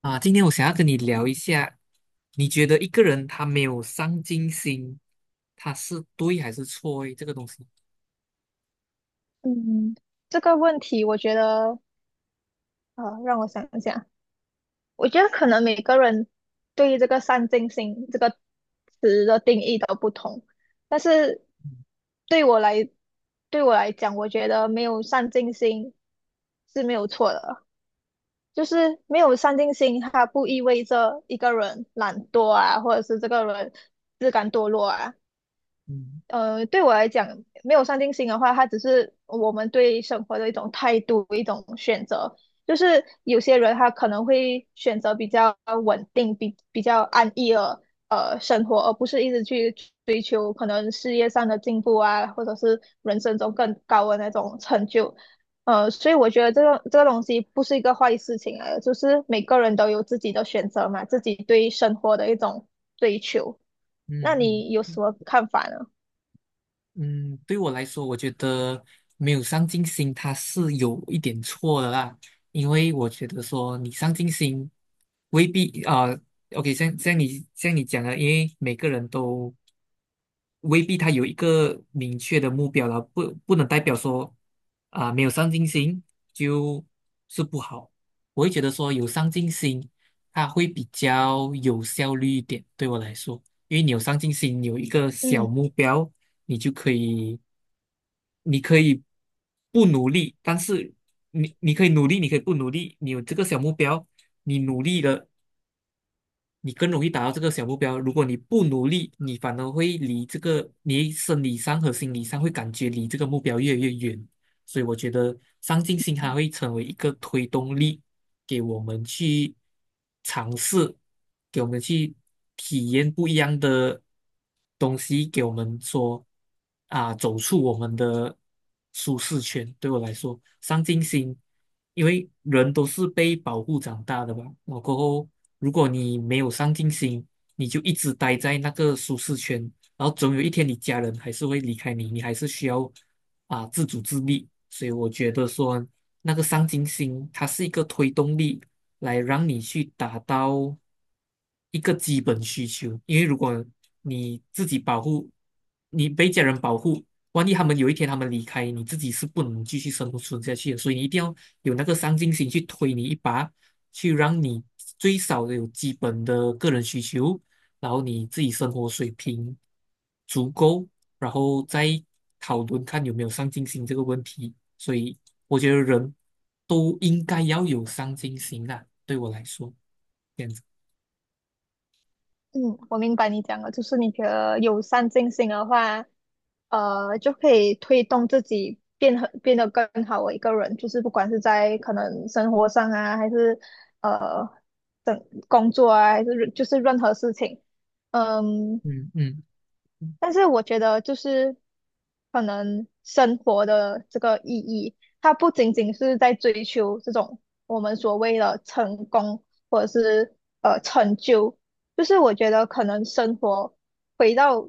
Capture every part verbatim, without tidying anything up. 啊，今天我想要跟你聊一下，你觉得一个人他没有上进心，他是对还是错诶？这个东西。嗯，这个问题我觉得，呃，让我想一想。我觉得可能每个人对于这个“上进心”这个词的定义都不同，但是对我来，对我来讲，我觉得没有上进心是没有错的。就是没有上进心，它不意味着一个人懒惰啊，或者是这个人自甘堕落啊。嗯呃，对我来讲，没有上进心的话，它只是我们对生活的一种态度，一种选择。就是有些人他可能会选择比较稳定、比比较安逸的呃生活，而不是一直去追求可能事业上的进步啊，或者是人生中更高的那种成就。呃，所以我觉得这个这个东西不是一个坏事情来的，就是每个人都有自己的选择嘛，自己对生活的一种追求。那嗯嗯你有什么看法呢？嗯。对我来说，我觉得没有上进心，他是有一点错的啦，因为我觉得说你上进心未必啊，OK，像像你像你讲的，因为每个人都未必他有一个明确的目标了，不不能代表说啊、没有上进心就是不好。我会觉得说有上进心，他会比较有效率一点，对我来说，因为你有上进心，你有一个小嗯。目标，你就可以，你可以不努力，但是你你可以努力，你可以不努力，你有这个小目标，你努力了，你更容易达到这个小目标。如果你不努力，你反而会离这个，你生理上和心理上会感觉离这个目标越来越远。所以我觉得上进心它会成为一个推动力，给我们去尝试，给我们去体验不一样的东西，给我们说啊，走出我们的舒适圈。对我来说，上进心，因为人都是被保护长大的吧，然后过后如果你没有上进心，你就一直待在那个舒适圈，然后总有一天你家人还是会离开你，你还是需要啊自主自立。所以我觉得说那个上进心，它是一个推动力，来让你去达到一个基本需求。因为如果你自己保护，你被家人保护，万一他们有一天他们离开，你自己是不能继续生存下去的。所以你一定要有那个上进心去推你一把，去让你最少的有基本的个人需求。然后你自己生活水平足够，然后再讨论看有没有上进心这个问题。所以我觉得人都应该要有上进心啦，对我来说，这样子。嗯，我明白你讲的，就是你觉得友善进行的话，呃，就可以推动自己变很变得更好的一个人，就是不管是在可能生活上啊，还是等工作啊，还是就是任何事情。嗯，嗯嗯但是我觉得就是可能生活的这个意义，它不仅仅是在追求这种我们所谓的成功或者是呃成就。就是我觉得可能生活回到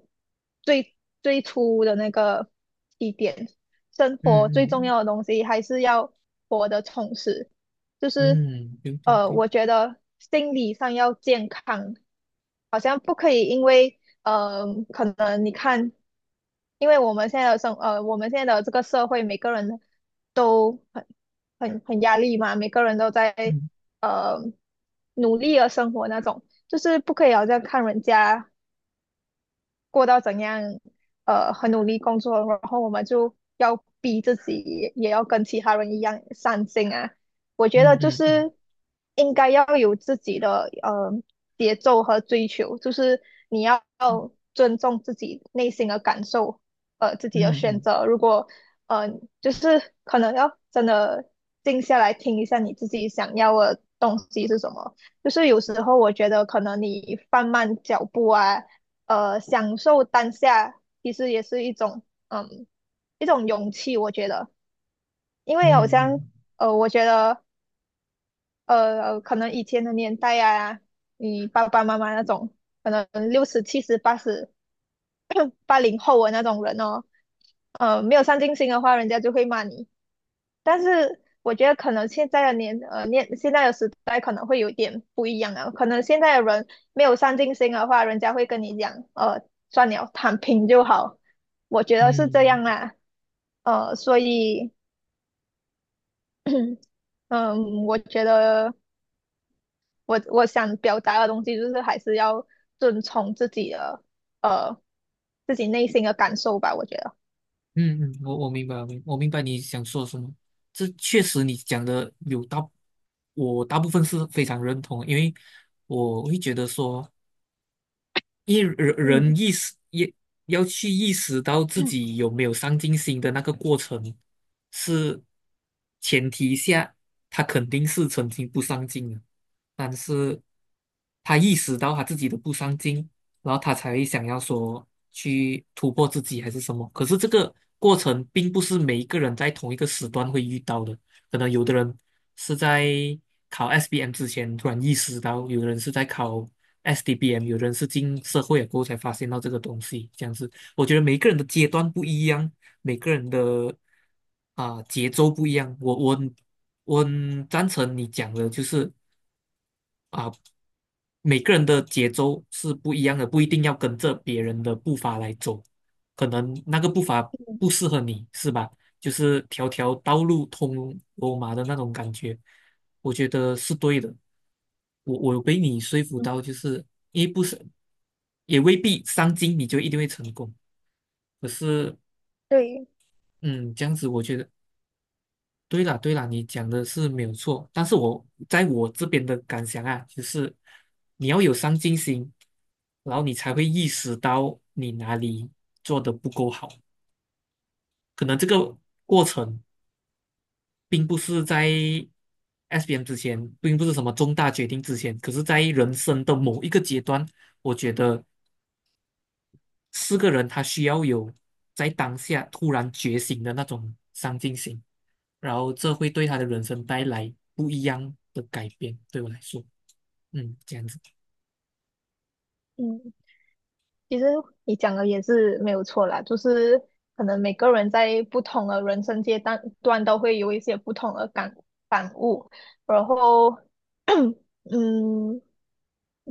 最最初的那个起点，生活嗯最重嗯要的东西还是要活得充实。就是嗯。对对呃，对。我觉得心理上要健康。好像不可以，因为呃，可能你看，因为我们现在的生呃，我们现在的这个社会，每个人都很很很压力嘛，每个人都在嗯呃努力的生活那种，就是不可以好像看人家过到怎样，呃，很努力工作，然后我们就要逼自己，也要跟其他人一样上进啊。我觉得嗯就嗯嗯是应该要有自己的呃节奏和追求，就是你要尊重自己内心的感受，呃，自己的嗯选嗯择。如果呃，就是可能要真的静下来听一下你自己想要的东西是什么。就是有时候我觉得可能你放慢脚步啊。呃，享受当下其实也是一种，嗯，一种勇气，我觉得。因为好像，嗯呃，我觉得，呃，可能以前的年代啊，你爸爸妈妈那种，可能六十、七十、八十、八零 后的那种人哦，呃，没有上进心的话，人家就会骂你；但是我觉得可能现在的年呃年现在的时代可能会有点不一样啊，可能现在的人没有上进心的话，人家会跟你讲，呃，算了，躺平就好。我觉得是这嗯样嗯啊。呃，所以嗯，我觉得我我想表达的东西就是还是要遵从自己的呃自己内心的感受吧，我觉得。嗯嗯。我我明白，我明我明白你想说什么。这确实你讲的有大，我大部分是非常认同，因为我会觉得说，一人嗯，人意识也要去意识到自己有没有上进心的那个过程，是前提下，他肯定是曾经不上进的。但是他意识到他自己的不上进，然后他才想要说去突破自己还是什么。可是这个过程并不是每一个人在同一个时段会遇到的，可能有的人是在考 S B M 之前突然意识到，有的人是在考 S D B M，有的人是进社会了过后才发现到这个东西。这样子，我觉得每个人的阶段不一样，每个人的啊、节奏不一样。我我我很赞成你讲的，就是。啊，每个人的节奏是不一样的，不一定要跟着别人的步伐来走，可能那个步伐嗯不适合你，是吧？就是条条道路通罗马的那种感觉，我觉得是对的。我我有被你说服嗯，到，就是因为不是，也未必上进你就一定会成功。可是，对，嗯，这样子我觉得对啦，对啦，你讲的是没有错，但是我在我这边的感想啊，就是你要有上进心，然后你才会意识到你哪里做的不够好。可能这个过程并不是在 S B M 之前，并不是什么重大决定之前，可是在人生的某一个阶段，我觉得四个人他需要有在当下突然觉醒的那种上进心，然后这会对他的人生带来不一样的改变。对我来说，嗯，这样子。嗯。其实你讲的也是没有错啦，就是可能每个人在不同的人生阶段段都会有一些不同的感感悟，然后，嗯，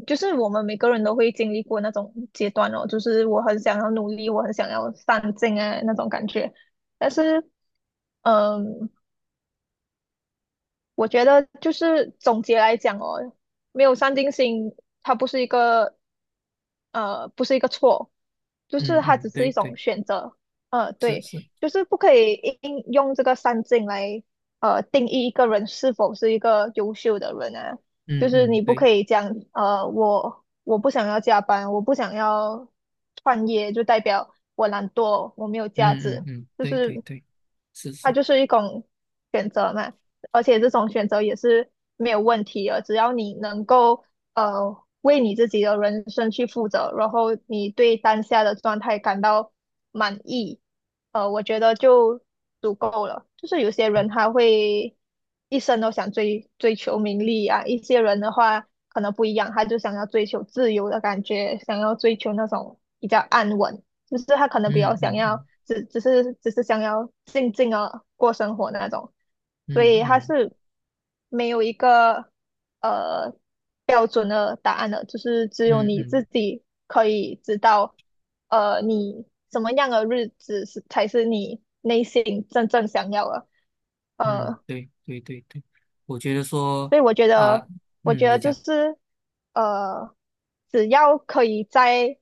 就是我们每个人都会经历过那种阶段哦，就是我很想要努力，我很想要上进啊那种感觉。但是，嗯，我觉得就是总结来讲哦，没有上进心，它不是一个呃，不是一个错，就是嗯它嗯。只是对一种对。选择。呃，是对。是。就是不可以应用这个三禁来呃定义一个人是否是一个优秀的人啊。就嗯是嗯你不可对。以讲呃，我我不想要加班，我不想要创业，就代表我懒惰，我没有价嗯值。嗯嗯就对对是对。是它是。就是一种选择嘛，而且这种选择也是没有问题的，只要你能够呃为你自己的人生去负责，然后你对当下的状态感到满意。呃，我觉得就足够了。就是有些人嗯他会一生都想追追求名利啊，一些人的话可能不一样，他就想要追求自由的感觉，想要追求那种比较安稳。就是他可能比较嗯想要嗯只只是只是想要静静的过生活那种，所嗯以他嗯是没有一个呃标准的答案的，就是只有嗯你自嗯己可以知道。呃，你什么样的日子是才是你内心真正想要的。嗯。呃，对对对对。我觉得说所以我觉啊、得，我嗯，觉你得就讲。是呃，只要可以在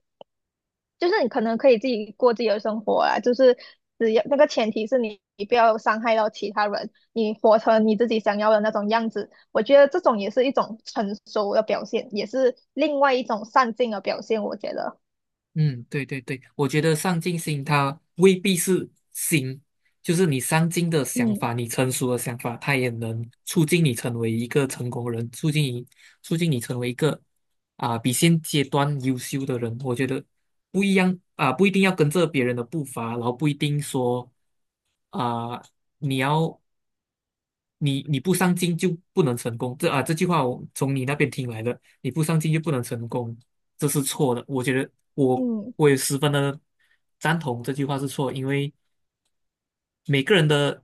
就是你可能可以自己过自己的生活啊，就是只要那个前提是你你不要伤害到其他人，你活成你自己想要的那种样子。我觉得这种也是一种成熟的表现，也是另外一种上进的表现。我觉得，嗯，对对对，我觉得上进心它未必是心，就是你上进的想嗯法，你成熟的想法，它也能促进你成为一个成功人，促进你促进你成为一个啊、比现阶段优秀的人。我觉得不一样啊、不一定要跟着别人的步伐，然后不一定说啊、你要你你不上进就不能成功，这啊这句话我从你那边听来的，你不上进就不能成功，这是错的。我觉得我嗯我也十分的赞同这句话是错，因为每个人的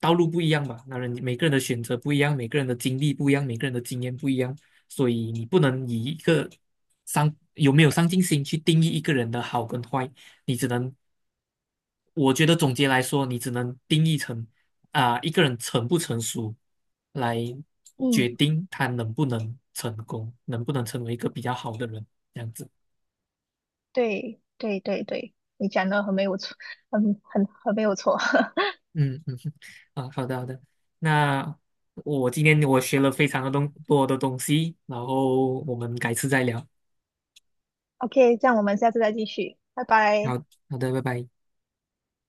道路不一样吧，那然每个人的选择不一样，每个人的经历不一样，每个人的经验不一样，所以你不能以一个上有没有上进心去定义一个人的好跟坏，你只能我觉得总结来说，你只能定义成啊、一个人成不成熟，来决嗯，定他能不能成功，能不能成为一个比较好的人，这样子。对对对对，你讲的很没有错，很很很没有错。嗯嗯哼，啊，好的好的。那我今天我学了非常的东多的东西，然后我们改次再聊。OK,这样我们下次再继续，拜拜。好好的，拜拜。